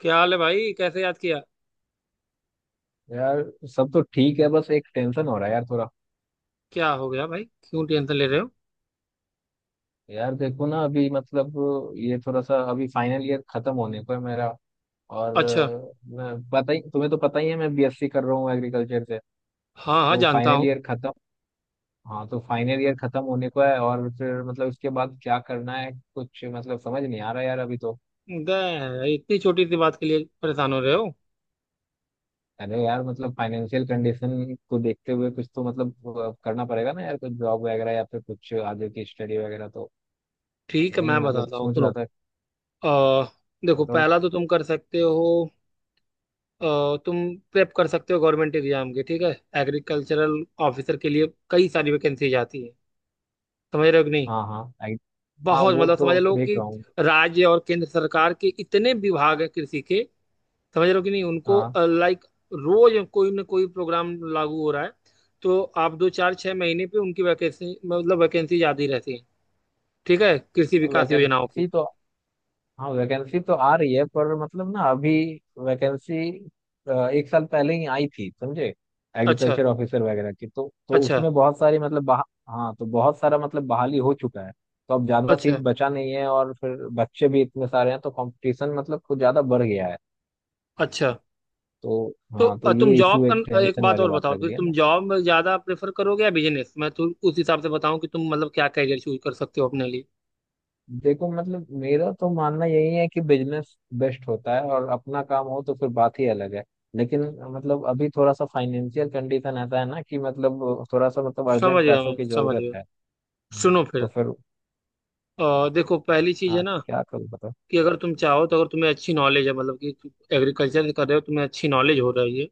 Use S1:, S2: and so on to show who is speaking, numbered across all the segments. S1: क्या हाल है भाई, कैसे याद किया।
S2: यार। सब तो ठीक है, बस एक टेंशन हो रहा है यार थोड़ा।
S1: क्या हो गया भाई, क्यों टेंशन ले रहे हो।
S2: यार देखो ना, अभी मतलब ये थोड़ा सा अभी फाइनल ईयर खत्म होने को है मेरा। और
S1: अच्छा,
S2: मैं पता ही तुम्हें तो पता ही है, मैं बीएससी कर रहा हूँ एग्रीकल्चर से।
S1: हाँ हाँ
S2: तो
S1: जानता
S2: फाइनल
S1: हूँ।
S2: ईयर खत्म। हाँ, तो फाइनल ईयर खत्म होने को है और फिर मतलब इसके बाद क्या करना है, कुछ मतलब समझ नहीं आ रहा यार अभी तो।
S1: इतनी छोटी सी बात के लिए परेशान हो रहे हो।
S2: अरे यार, मतलब फाइनेंशियल कंडीशन को देखते हुए कुछ तो मतलब करना पड़ेगा ना यार, कुछ जॉब वगैरह या फिर कुछ आगे की स्टडी वगैरह तो।
S1: ठीक है,
S2: वही
S1: मैं
S2: मतलब
S1: बताता हूँ,
S2: सोच
S1: सुनो।
S2: रहा था।
S1: अ, देखो
S2: बताओ।
S1: पहला तो तुम कर सकते हो। तुम प्रेप कर सकते हो गवर्नमेंट एग्जाम के, ठीक है। एग्रीकल्चरल ऑफिसर के लिए कई सारी वैकेंसी आती है। समझ रहे हो कि नहीं।
S2: हाँ हाँ, हाँ
S1: बहुत,
S2: वो
S1: मतलब
S2: तो
S1: समझ लो
S2: देख
S1: कि
S2: रहा हूँ।
S1: राज्य और केंद्र सरकार के इतने विभाग हैं कृषि के। समझ रहे हो कि नहीं उनको।
S2: हाँ,
S1: लाइक, रोज कोई ना कोई प्रोग्राम लागू हो रहा है। तो आप 2, 4, 6 महीने पे उनकी वैकेंसी, मतलब वैकेंसी ज्यादा ही रहती है। ठीक है, कृषि विकास योजनाओं की।
S2: वैकेंसी तो। हाँ, वैकेंसी तो आ रही है, पर मतलब ना अभी। वैकेंसी एक साल पहले ही आई थी समझे।
S1: अच्छा।
S2: एग्रीकल्चर ऑफिसर वगैरह की तो
S1: अच्छा।
S2: उसमें बहुत सारी मतलब हाँ तो बहुत सारा मतलब बहाली हो चुका है। तो अब ज्यादा सीट
S1: अच्छा।
S2: बचा नहीं है, और फिर बच्चे भी इतने सारे हैं तो कंपटीशन मतलब कुछ ज्यादा बढ़ गया है।
S1: अच्छा।
S2: तो।
S1: तो
S2: हाँ तो
S1: तुम
S2: ये
S1: जॉब
S2: इशू, एक
S1: कर, एक
S2: टेंशन
S1: बात
S2: वाली
S1: और
S2: बात
S1: बताओ,
S2: लग
S1: फिर
S2: रही है
S1: तुम
S2: ना।
S1: जॉब में ज्यादा प्रेफर करोगे या बिजनेस, मैं तो उस हिसाब से बताऊं कि तुम मतलब क्या करियर चूज कर सकते हो अपने लिए।
S2: देखो मतलब मेरा तो मानना यही है कि बिजनेस बेस्ट होता है, और अपना काम हो तो फिर बात ही अलग है। लेकिन मतलब अभी थोड़ा सा फाइनेंशियल कंडीशन ऐसा है ना कि मतलब थोड़ा सा मतलब
S1: समझ
S2: अर्जेंट
S1: गया,
S2: पैसों
S1: मैं
S2: की
S1: समझ
S2: जरूरत
S1: गया।
S2: है।
S1: सुनो
S2: तो
S1: फिर।
S2: फिर।
S1: देखो, पहली चीज है
S2: हाँ,
S1: ना,
S2: क्या करूँ बताओ।
S1: कि अगर तुम चाहो तो अगर तुम्हें अच्छी नॉलेज है, मतलब कि एग्रीकल्चर कर रहे हो, तुम्हें अच्छी नॉलेज हो रही है,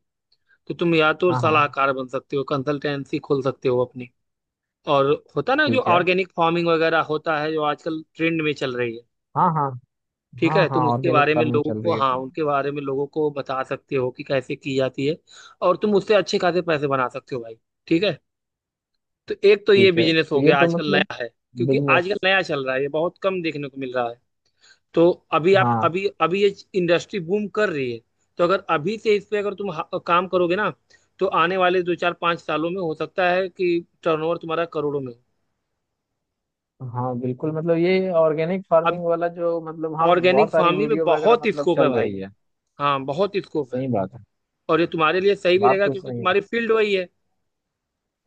S1: तो तुम या तो
S2: हाँ हाँ।
S1: सलाहकार बन सकते हो, कंसल्टेंसी खोल सकते हो अपनी। और होता ना, जो
S2: ठीक है।
S1: ऑर्गेनिक फार्मिंग वगैरह होता है, जो आजकल ट्रेंड में चल रही है।
S2: हाँ हाँ।
S1: ठीक
S2: हाँ
S1: है,
S2: हाँ,
S1: तुम उसके
S2: ऑर्गेनिक
S1: बारे में
S2: फार्मिंग
S1: लोगों
S2: चल रही
S1: को,
S2: है
S1: हाँ
S2: ट्रेंड।
S1: उनके बारे में लोगों को बता सकते हो कि कैसे की जाती है। और तुम उससे अच्छे खासे पैसे बना सकते हो भाई। ठीक है। तो एक तो ये
S2: ठीक है,
S1: बिजनेस
S2: तो
S1: हो
S2: ये
S1: गया,
S2: तो
S1: आजकल
S2: मतलब
S1: नया है। क्योंकि आजकल
S2: बिजनेस।
S1: नया चल रहा है, ये बहुत कम देखने को मिल रहा है। तो अभी आप,
S2: हाँ
S1: अभी अभी ये इंडस्ट्री बूम कर रही है। तो अगर अभी से इस पे अगर तुम काम करोगे ना, तो आने वाले 2, 4, 5 सालों में हो सकता है कि टर्नओवर तुम्हारा करोड़ों में हो।
S2: हाँ बिल्कुल, मतलब ये ऑर्गेनिक
S1: अब,
S2: फार्मिंग वाला जो मतलब हाँ
S1: ऑर्गेनिक
S2: बहुत सारी
S1: फार्मिंग में
S2: वीडियो वगैरह
S1: बहुत
S2: मतलब
S1: स्कोप है
S2: चल
S1: भाई।
S2: रही है।
S1: हाँ, बहुत स्कोप है।
S2: सही बात है।
S1: और ये तुम्हारे लिए सही भी
S2: बात
S1: रहेगा,
S2: तो
S1: क्योंकि
S2: सही है।
S1: तुम्हारी फील्ड वही है।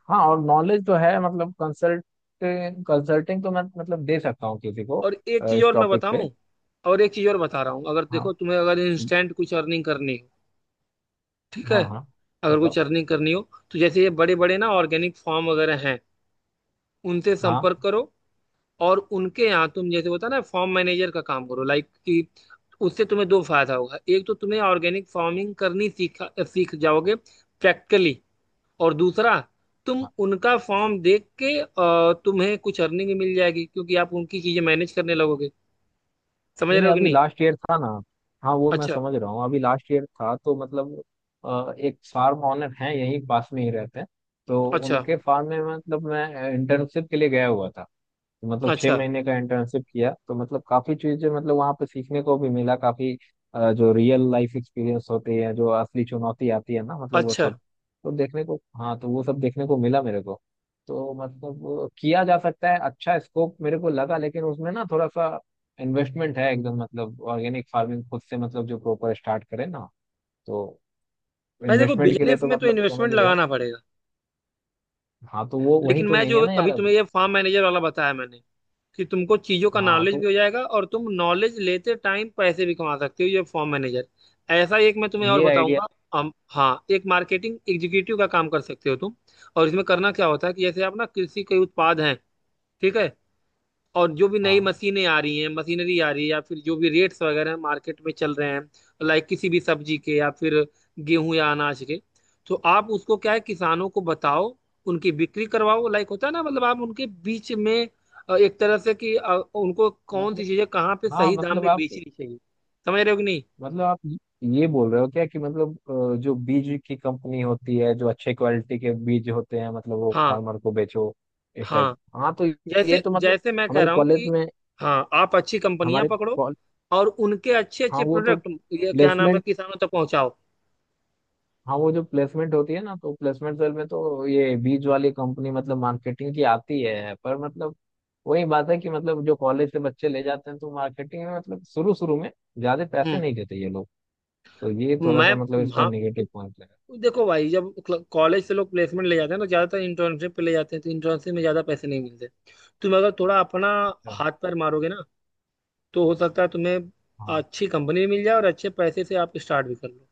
S2: हाँ, और नॉलेज तो है, मतलब कंसल्ट, कंसल्टिंग तो मैं मतलब दे सकता हूँ किसी को।
S1: और एक चीज
S2: इस
S1: और मैं
S2: टॉपिक पे।
S1: बताऊं, और एक चीज और बता रहा हूँ, अगर
S2: हाँ।
S1: देखो तुम्हें अगर इंस्टेंट कुछ अर्निंग करनी हो, ठीक है,
S2: हाँ हाँ।
S1: अगर
S2: बताओ।
S1: कुछ अर्निंग करनी हो, तो जैसे ये बड़े बड़े ना ऑर्गेनिक फार्म वगैरह हैं, उनसे संपर्क
S2: हाँ
S1: करो। और उनके यहाँ तुम जैसे होता है ना फॉर्म मैनेजर का काम करो, लाइक कि उससे तुम्हें दो फायदा होगा, एक तो तुम्हें ऑर्गेनिक फार्मिंग करनी सीखा, सीख जाओगे प्रैक्टिकली। और दूसरा, तुम
S2: हाँ।
S1: उनका फॉर्म देख के तुम्हें कुछ अर्निंग मिल जाएगी, क्योंकि आप उनकी चीजें मैनेज करने लगोगे। समझ
S2: नहीं
S1: रहे
S2: नहीं,
S1: हो कि
S2: अभी
S1: नहीं।
S2: लास्ट ईयर था ना। हाँ वो मैं
S1: अच्छा।
S2: समझ रहा हूँ, अभी लास्ट ईयर था तो मतलब एक फार्म ऑनर हैं, यहीं पास में ही रहते हैं। तो
S1: अच्छा।
S2: उनके फार्म में मतलब मैं इंटर्नशिप के लिए गया हुआ था। मतलब छह
S1: अच्छा।
S2: महीने का इंटर्नशिप किया तो मतलब काफी चीजें मतलब वहां पे सीखने को भी मिला काफी। जो रियल लाइफ एक्सपीरियंस होते हैं, जो असली चुनौती आती है ना मतलब वो
S1: अच्छा।
S2: सब तो देखने को, हाँ तो वो सब देखने को मिला मेरे को। तो मतलब वो किया जा सकता है, अच्छा स्कोप मेरे को लगा, लेकिन उसमें ना थोड़ा सा इन्वेस्टमेंट है एकदम, मतलब ऑर्गेनिक फार्मिंग खुद से मतलब जो प्रॉपर स्टार्ट करे ना, तो
S1: भाई देखो,
S2: इन्वेस्टमेंट के लिए
S1: बिजनेस
S2: तो
S1: में तो
S2: मतलब समझ
S1: इन्वेस्टमेंट
S2: रहे हो।
S1: लगाना पड़ेगा।
S2: हाँ तो वो वही
S1: लेकिन
S2: तो
S1: मैं
S2: नहीं है
S1: जो
S2: ना यार
S1: अभी तुम्हें
S2: अभी।
S1: ये फार्म मैनेजर वाला बताया मैंने, कि तुमको चीजों का
S2: हाँ
S1: नॉलेज
S2: तो
S1: भी हो जाएगा और तुम नॉलेज लेते टाइम पैसे भी कमा सकते हो, ये फॉर्म मैनेजर। ऐसा ही एक मैं तुम्हें और
S2: ये आइडिया।
S1: बताऊंगा। हम, हाँ, एक मार्केटिंग एग्जीक्यूटिव का काम कर सकते हो तुम। और इसमें करना क्या होता है कि जैसे आप ना कृषि के उत्पाद हैं, ठीक है, और जो भी नई
S2: हाँ
S1: मशीनें आ रही हैं, मशीनरी आ रही है, या फिर जो भी रेट्स वगैरह मार्केट में चल रहे हैं, लाइक किसी भी सब्जी के या फिर गेहूं या अनाज के, तो आप उसको क्या है, किसानों को बताओ, उनकी बिक्री करवाओ, लाइक होता है ना, मतलब आप उनके बीच में एक तरह से कि उनको कौन सी
S2: मतलब।
S1: चीजें कहाँ पे
S2: हाँ
S1: सही दाम
S2: मतलब
S1: में
S2: आप,
S1: बेचनी चाहिए। समझ रहे हो कि नहीं।
S2: मतलब आप ये बोल रहे हो क्या कि मतलब जो बीज की कंपनी होती है, जो अच्छे क्वालिटी के बीज होते हैं, मतलब वो
S1: हाँ,
S2: फार्मर को बेचो, इस
S1: हाँ
S2: टाइप। हाँ तो ये
S1: जैसे,
S2: तो मतलब
S1: जैसे मैं कह
S2: हमारे
S1: रहा हूँ
S2: कॉलेज
S1: कि
S2: में,
S1: हाँ, आप अच्छी कंपनियां
S2: हमारे
S1: पकड़ो
S2: कॉल-
S1: और उनके अच्छे
S2: हाँ
S1: अच्छे
S2: वो तो
S1: प्रोडक्ट, ये क्या नाम है,
S2: प्लेसमेंट।
S1: किसानों तक पहुंचाओ।
S2: हाँ वो जो प्लेसमेंट होती है ना, तो प्लेसमेंट सेल में तो ये बीज वाली कंपनी मतलब मार्केटिंग की आती है, पर मतलब वही बात है कि मतलब जो कॉलेज से बच्चे ले जाते हैं तो मार्केटिंग में मतलब शुरू शुरू में ज्यादा पैसे
S1: हम्म।
S2: नहीं देते ये लोग। तो ये थोड़ा
S1: मैं,
S2: सा मतलब इसका
S1: हाँ,
S2: नेगेटिव पॉइंट है।
S1: तो देखो भाई, जब कॉलेज से लोग प्लेसमेंट ले जाते हैं तो ज्यादातर इंटर्नशिप पे ले जाते हैं, तो इंटर्नशिप में ज्यादा पैसे नहीं मिलते। तुम अगर थोड़ा अपना
S2: अच्छा।
S1: हाथ पैर मारोगे ना, तो हो सकता है तुम्हें
S2: हाँ,
S1: अच्छी कंपनी मिल जाए और अच्छे पैसे से आप स्टार्ट भी कर लो।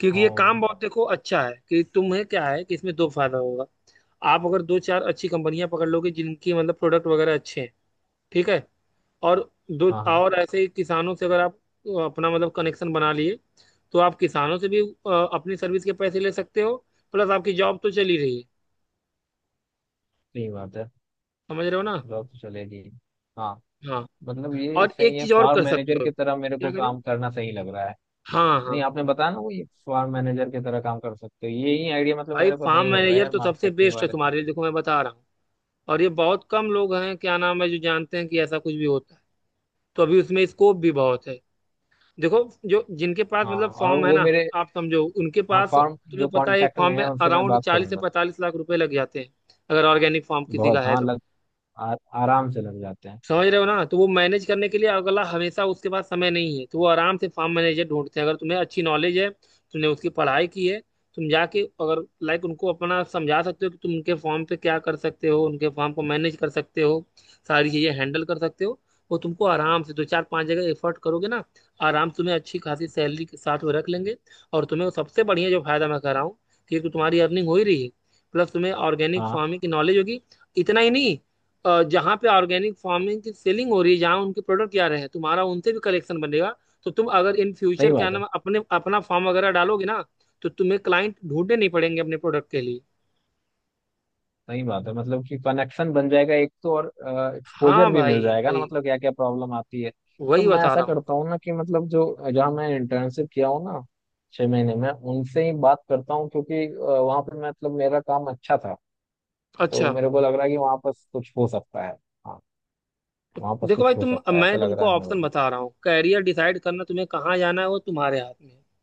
S1: क्योंकि ये
S2: और।
S1: काम बहुत देखो अच्छा है, कि तुम्हें क्या है कि इसमें दो फायदा होगा। आप अगर दो चार अच्छी कंपनियां पकड़ लोगे, जिनकी मतलब प्रोडक्ट वगैरह अच्छे हैं, ठीक है, और दो,
S2: हाँ हाँ।
S1: और ऐसे ही किसानों से अगर आप अपना मतलब कनेक्शन बना लिए, तो आप किसानों से भी अपनी सर्विस के पैसे ले सकते हो। प्लस आपकी जॉब तो चल ही रही है।
S2: सही बात है।
S1: समझ रहे हो ना।
S2: जॉब तो चलेगी। हाँ,
S1: हाँ।
S2: मतलब ये
S1: और एक
S2: सही है,
S1: चीज और
S2: फार्म
S1: कर
S2: मैनेजर
S1: सकते हो,
S2: की तरह मेरे
S1: क्या
S2: को
S1: कर रहे हो।
S2: काम करना सही लग रहा है।
S1: हाँ हाँ,
S2: नहीं, आपने बताया ना वो, ये फार्म मैनेजर की तरह काम कर सकते हो, ये ही आइडिया मतलब
S1: भाई
S2: मेरे को
S1: फार्म
S2: सही लग रहा है
S1: मैनेजर
S2: यार
S1: तो सबसे
S2: मार्केटिंग
S1: बेस्ट है
S2: वाले से।
S1: तुम्हारे लिए, देखो मैं बता रहा हूँ। और ये बहुत कम लोग हैं, क्या नाम है, जो जानते हैं कि ऐसा कुछ भी होता है। तो अभी उसमें स्कोप भी बहुत है। देखो, जो जिनके पास
S2: हाँ,
S1: मतलब
S2: और
S1: फॉर्म है
S2: वो
S1: ना,
S2: मेरे,
S1: आप समझो उनके
S2: हाँ
S1: पास,
S2: फार्म
S1: तुम्हें
S2: जो
S1: पता है एक
S2: कांटेक्ट में
S1: फॉर्म में
S2: है उनसे मैं
S1: अराउंड
S2: बात
S1: चालीस से
S2: करूंगा।
S1: पैंतालीस लाख रुपए लग जाते हैं, अगर ऑर्गेनिक फॉर्म किसी का
S2: बहुत
S1: है
S2: हाँ
S1: तो।
S2: लग, आ, आराम से लग जाते हैं।
S1: समझ रहे हो ना, तो वो मैनेज करने के लिए अगला, हमेशा उसके पास समय नहीं है, तो वो आराम से फार्म मैनेजर ढूंढते हैं। अगर तुम्हें अच्छी नॉलेज है, तुमने उसकी पढ़ाई की है, तुम जाके अगर लाइक उनको अपना समझा सकते हो कि तुम उनके फॉर्म पे क्या कर सकते हो, उनके फॉर्म को मैनेज कर सकते हो, सारी चीजें हैंडल कर सकते हो, वो तुमको आराम से, दो चार पांच जगह एफर्ट करोगे ना, आराम से तुम्हें अच्छी खासी सैलरी के साथ वो रख लेंगे। और तुम्हें वो सबसे बढ़िया जो फायदा मैं कर रहा हूँ, कि एक तो तुम्हारी अर्निंग हो ही रही है, प्लस तुम्हें ऑर्गेनिक
S2: हाँ
S1: फार्मिंग की नॉलेज होगी। इतना ही नहीं, जहाँ पे ऑर्गेनिक फार्मिंग की सेलिंग हो रही है, जहाँ उनके प्रोडक्ट आ रहे हैं, तुम्हारा उनसे भी कलेक्शन बनेगा। तो तुम अगर इन
S2: सही
S1: फ्यूचर, क्या
S2: बात है।
S1: नाम है, अपने अपना फार्म वगैरह डालोगे ना, तो तुम्हें क्लाइंट ढूंढने नहीं पड़ेंगे अपने प्रोडक्ट के लिए।
S2: सही बात है, मतलब कि कनेक्शन बन जाएगा एक तो, और
S1: हाँ
S2: एक्सपोजर भी मिल
S1: भाई,
S2: जाएगा ना,
S1: वही
S2: मतलब क्या क्या प्रॉब्लम आती है। तो
S1: वही
S2: मैं
S1: बता
S2: ऐसा
S1: रहा हूँ।
S2: करता हूँ ना, कि मतलब जो जहाँ मैं इंटर्नशिप किया हूँ ना 6 महीने में, उनसे ही बात करता हूँ क्योंकि वहाँ पे मैं मतलब मेरा काम अच्छा था। तो
S1: अच्छा,
S2: मेरे को लग रहा है कि वहाँ पर कुछ हो सकता है। हाँ, वहाँ पर
S1: देखो
S2: कुछ
S1: भाई
S2: हो
S1: तुम,
S2: सकता है, ऐसा
S1: मैं
S2: लग
S1: तुमको
S2: रहा है मेरे
S1: ऑप्शन
S2: को।
S1: बता रहा हूँ, कैरियर डिसाइड करना तुम्हें कहाँ जाना है वो तुम्हारे हाथ में है।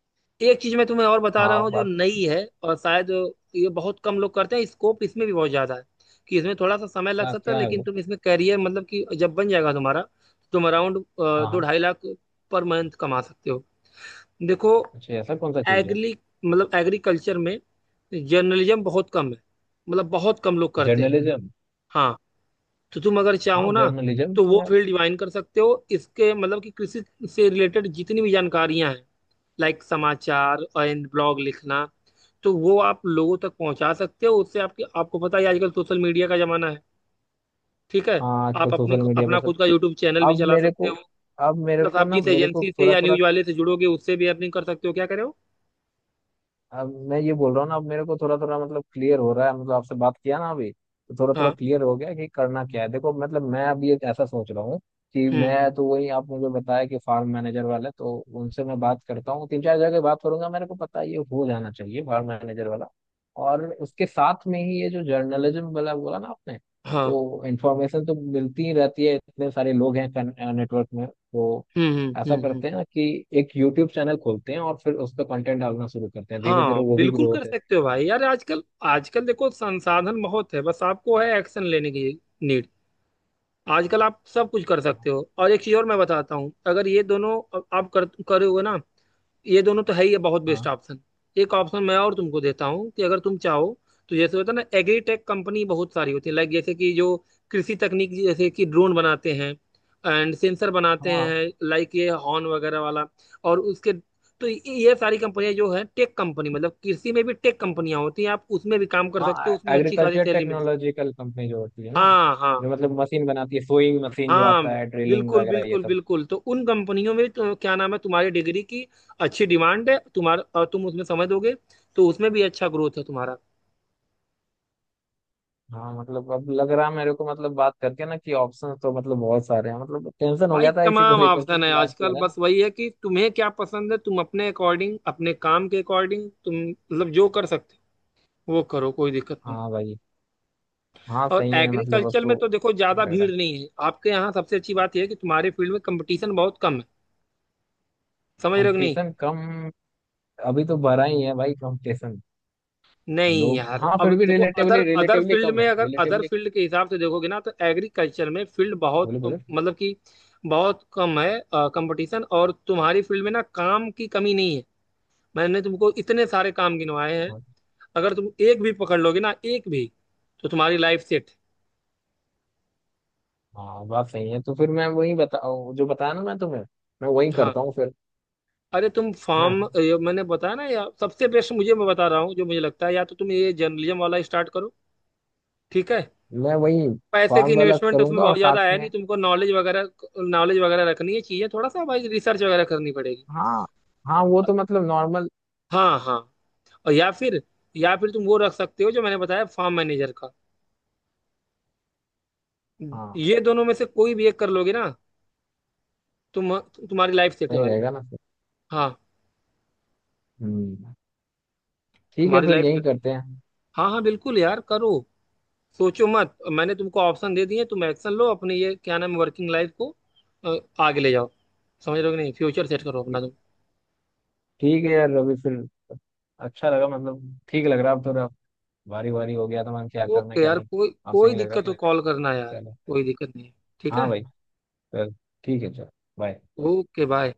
S1: एक चीज मैं तुम्हें और बता
S2: हाँ
S1: रहा
S2: वो
S1: हूँ जो
S2: बात।
S1: नई है, और शायद ये बहुत कम लोग करते हैं, स्कोप इसमें भी बहुत ज्यादा है, कि इसमें थोड़ा सा समय लग
S2: क्या
S1: सकता है
S2: क्या है
S1: लेकिन
S2: वो।
S1: तुम इसमें करियर, मतलब कि जब बन जाएगा तुम्हारा, तुम अराउंड
S2: हाँ
S1: दो
S2: हाँ।
S1: ढाई लाख पर मंथ कमा सकते हो। देखो,
S2: अच्छा, ऐसा कौन सा चीज़ है।
S1: एग्री, मतलब एग्रीकल्चर में जर्नलिज्म बहुत कम है, मतलब बहुत कम लोग करते हैं।
S2: जर्नलिज्म।
S1: हाँ, तो तुम अगर
S2: हाँ
S1: चाहो ना,
S2: जर्नलिज्म
S1: तो
S2: तो
S1: वो
S2: यार।
S1: फील्ड डिवाइन कर सकते हो इसके मतलब कि कृषि से रिलेटेड जितनी भी जानकारियां हैं, लाइक समाचार एंड ब्लॉग लिखना, तो वो आप लोगों तक पहुंचा सकते हो, उससे आपकी, आपको पता है आजकल सोशल मीडिया का जमाना है, ठीक है,
S2: हाँ, आजकल
S1: आप अपनी,
S2: सोशल मीडिया पे
S1: अपना
S2: सब।
S1: खुद का यूट्यूब चैनल भी
S2: अब
S1: चला
S2: मेरे
S1: सकते
S2: को,
S1: हो।
S2: अब मेरे
S1: प्लस
S2: को
S1: आप
S2: ना,
S1: जिस
S2: मेरे को
S1: एजेंसी से
S2: थोड़ा
S1: या
S2: थोड़ा,
S1: न्यूज वाले से जुड़ोगे, उससे भी अर्निंग कर सकते हो, क्या करे हो।
S2: अब मैं ये बोल रहा हूँ ना, अब मेरे को थोड़ा थोड़ा मतलब क्लियर हो रहा है, मतलब आपसे बात किया ना अभी तो थोड़ा थोड़ा
S1: हाँ।
S2: क्लियर हो गया कि करना क्या है। देखो मतलब मैं अभी एक ऐसा सोच रहा हूँ कि
S1: हम्म।
S2: मैं तो वही आप मुझे बताया कि फार्म मैनेजर वाले, तो उनसे मैं बात करता हूँ, तीन चार जगह बात करूंगा, मेरे को पता है ये हो जाना चाहिए, फार्म मैनेजर वाला। और उसके साथ में ही ये जो जर्नलिज्म वाला बोला ना आपने,
S1: हाँ।
S2: तो इंफॉर्मेशन तो मिलती ही रहती है, इतने सारे लोग हैं नेटवर्क में तो।
S1: हम्म। हम्म।
S2: ऐसा
S1: हम्म। हम्म।
S2: करते हैं ना कि एक यूट्यूब चैनल खोलते हैं, और फिर उस पर कंटेंट डालना शुरू करते हैं, धीरे धीरे
S1: हाँ
S2: वो भी
S1: बिल्कुल,
S2: ग्रो
S1: कर
S2: होते
S1: सकते हो भाई यार। आजकल, आजकल देखो संसाधन बहुत है, बस आपको है एक्शन लेने की नीड। आजकल आप सब कुछ कर सकते
S2: रहेगा।
S1: हो। और एक चीज और मैं बताता हूँ, अगर ये दोनों आप कर करोगे ना, ये दोनों तो है ही है, बहुत बेस्ट
S2: हाँ।
S1: ऑप्शन। एक ऑप्शन मैं और तुमको देता हूँ, कि अगर तुम चाहो तो जैसे होता है ना, एग्रीटेक कंपनी बहुत सारी होती है, लाइक जैसे कि जो कृषि तकनीक, जैसे कि ड्रोन बनाते हैं एंड सेंसर बनाते
S2: हाँ
S1: हैं, लाइक ये हॉर्न वगैरह वाला, और उसके, तो ये सारी कंपनियां जो है टेक कंपनी, मतलब कृषि में भी टेक कंपनियां होती हैं, आप उसमें भी काम कर सकते हो,
S2: हाँ,
S1: उसमें अच्छी खासी
S2: एग्रीकल्चर
S1: सैलरी मिलती है।
S2: टेक्नोलॉजिकल कंपनी जो होती है ना,
S1: हाँ हाँ,
S2: जो मतलब मशीन बनाती है, सोइंग मशीन जो
S1: हाँ
S2: आता है, ड्रिलिंग
S1: बिल्कुल
S2: वगैरह ये
S1: बिल्कुल
S2: सब।
S1: बिल्कुल, तो उन कंपनियों में तो क्या नाम है, तुम्हारी डिग्री की अच्छी डिमांड है तुम्हारा, और तुम उसमें समझ दोगे तो उसमें भी अच्छा ग्रोथ है तुम्हारा।
S2: हाँ मतलब अब लग रहा है मेरे को, मतलब बात करके ना, कि ऑप्शन तो मतलब बहुत सारे हैं, मतलब टेंशन हो
S1: भाई
S2: गया था इसी को
S1: तमाम
S2: लेकर के,
S1: ऑप्शन है
S2: कि लास्ट
S1: आजकल,
S2: ईयर है ना।
S1: बस वही है कि तुम्हें क्या पसंद है, तुम अपने अकॉर्डिंग, अपने काम के अकॉर्डिंग तुम मतलब जो कर सकते हो वो करो, कोई दिक्कत नहीं।
S2: हाँ भाई। हाँ
S1: और
S2: सही है मतलब अब
S1: एग्रीकल्चर में
S2: तो
S1: तो देखो ज्यादा
S2: लग
S1: भीड़
S2: रहा।
S1: नहीं है आपके यहाँ, सबसे अच्छी बात यह है कि तुम्हारे फील्ड में कंपटीशन बहुत कम है। समझ रहे हो कि नहीं।
S2: कंपटीशन कम? अभी तो बढ़ा ही है भाई कंपटीशन।
S1: नहीं
S2: लोग,
S1: यार,
S2: हाँ
S1: अब
S2: फिर भी
S1: देखो अदर
S2: रिलेटिवली,
S1: अदर फील्ड
S2: कम
S1: में
S2: है
S1: अगर अदर
S2: रिलेटिवली।
S1: फील्ड के हिसाब से देखोगे ना, तो एग्रीकल्चर में फील्ड बहुत
S2: बोले बोले।
S1: मतलब कि बहुत कम है कंपटीशन। और तुम्हारी फील्ड में ना काम की कमी नहीं है। मैंने तुमको इतने सारे काम गिनवाए हैं,
S2: हाँ
S1: अगर तुम एक भी पकड़ लोगे ना, एक भी, तो तुम्हारी लाइफ सेट।
S2: हाँ, बात सही है, तो फिर मैं वही बता, जो बताया ना मैं तुम्हें, मैं वही
S1: हाँ,
S2: करता हूँ फिर।
S1: अरे तुम फार्म,
S2: हाँ,
S1: मैंने बताया ना यार, सबसे बेस्ट मुझे, मैं बता रहा हूँ जो मुझे लगता है, या तो तुम ये जर्नलिज्म वाला स्टार्ट करो, ठीक है,
S2: मैं वही
S1: पैसे की
S2: फॉर्म वाला
S1: इन्वेस्टमेंट उसमें
S2: करूंगा और
S1: बहुत
S2: साथ
S1: ज्यादा है नहीं,
S2: में।
S1: तुमको नॉलेज वगैरह, नॉलेज वगैरह रखनी है, चीजें थोड़ा सा भाई रिसर्च वगैरह करनी पड़ेगी।
S2: हाँ, हाँ वो तो मतलब नॉर्मल।
S1: हाँ हाँ, और या फिर, या फिर तुम वो रख सकते हो जो मैंने बताया, फार्म मैनेजर का।
S2: हाँ।
S1: ये दोनों में से कोई भी एक कर लोगे ना तुम, तुम्हारी लाइफ सेट है
S2: सही
S1: भाई।
S2: रहेगा ना फिर।
S1: हाँ,
S2: हम्म। ठीक है
S1: तुम्हारी
S2: फिर
S1: लाइफ
S2: यही
S1: सेट।
S2: करते हैं।
S1: हाँ हाँ बिल्कुल यार करो, सोचो मत, मैंने तुमको ऑप्शन दे दिए, तुम एक्शन लो अपने, ये क्या नाम है, वर्किंग लाइफ को अ, आगे ले जाओ। समझ रहे हो कि नहीं, फ्यूचर सेट करो अपना
S2: ठी-
S1: तुम।
S2: ठीक है यार रवि फिर। अच्छा लगा, मतलब ठीक लग रहा अब थोड़ा, बारी बारी हो गया तो, मैं क्या करना
S1: ओके
S2: क्या
S1: यार,
S2: नहीं।
S1: कोई
S2: आप
S1: कोई
S2: सही लग रहा
S1: दिक्कत हो
S2: था।
S1: कॉल करना यार,
S2: चलो।
S1: कोई दिक्कत नहीं है, ठीक है।
S2: हाँ भाई। चल। ठीक है चलो। बाय।
S1: Okay bye.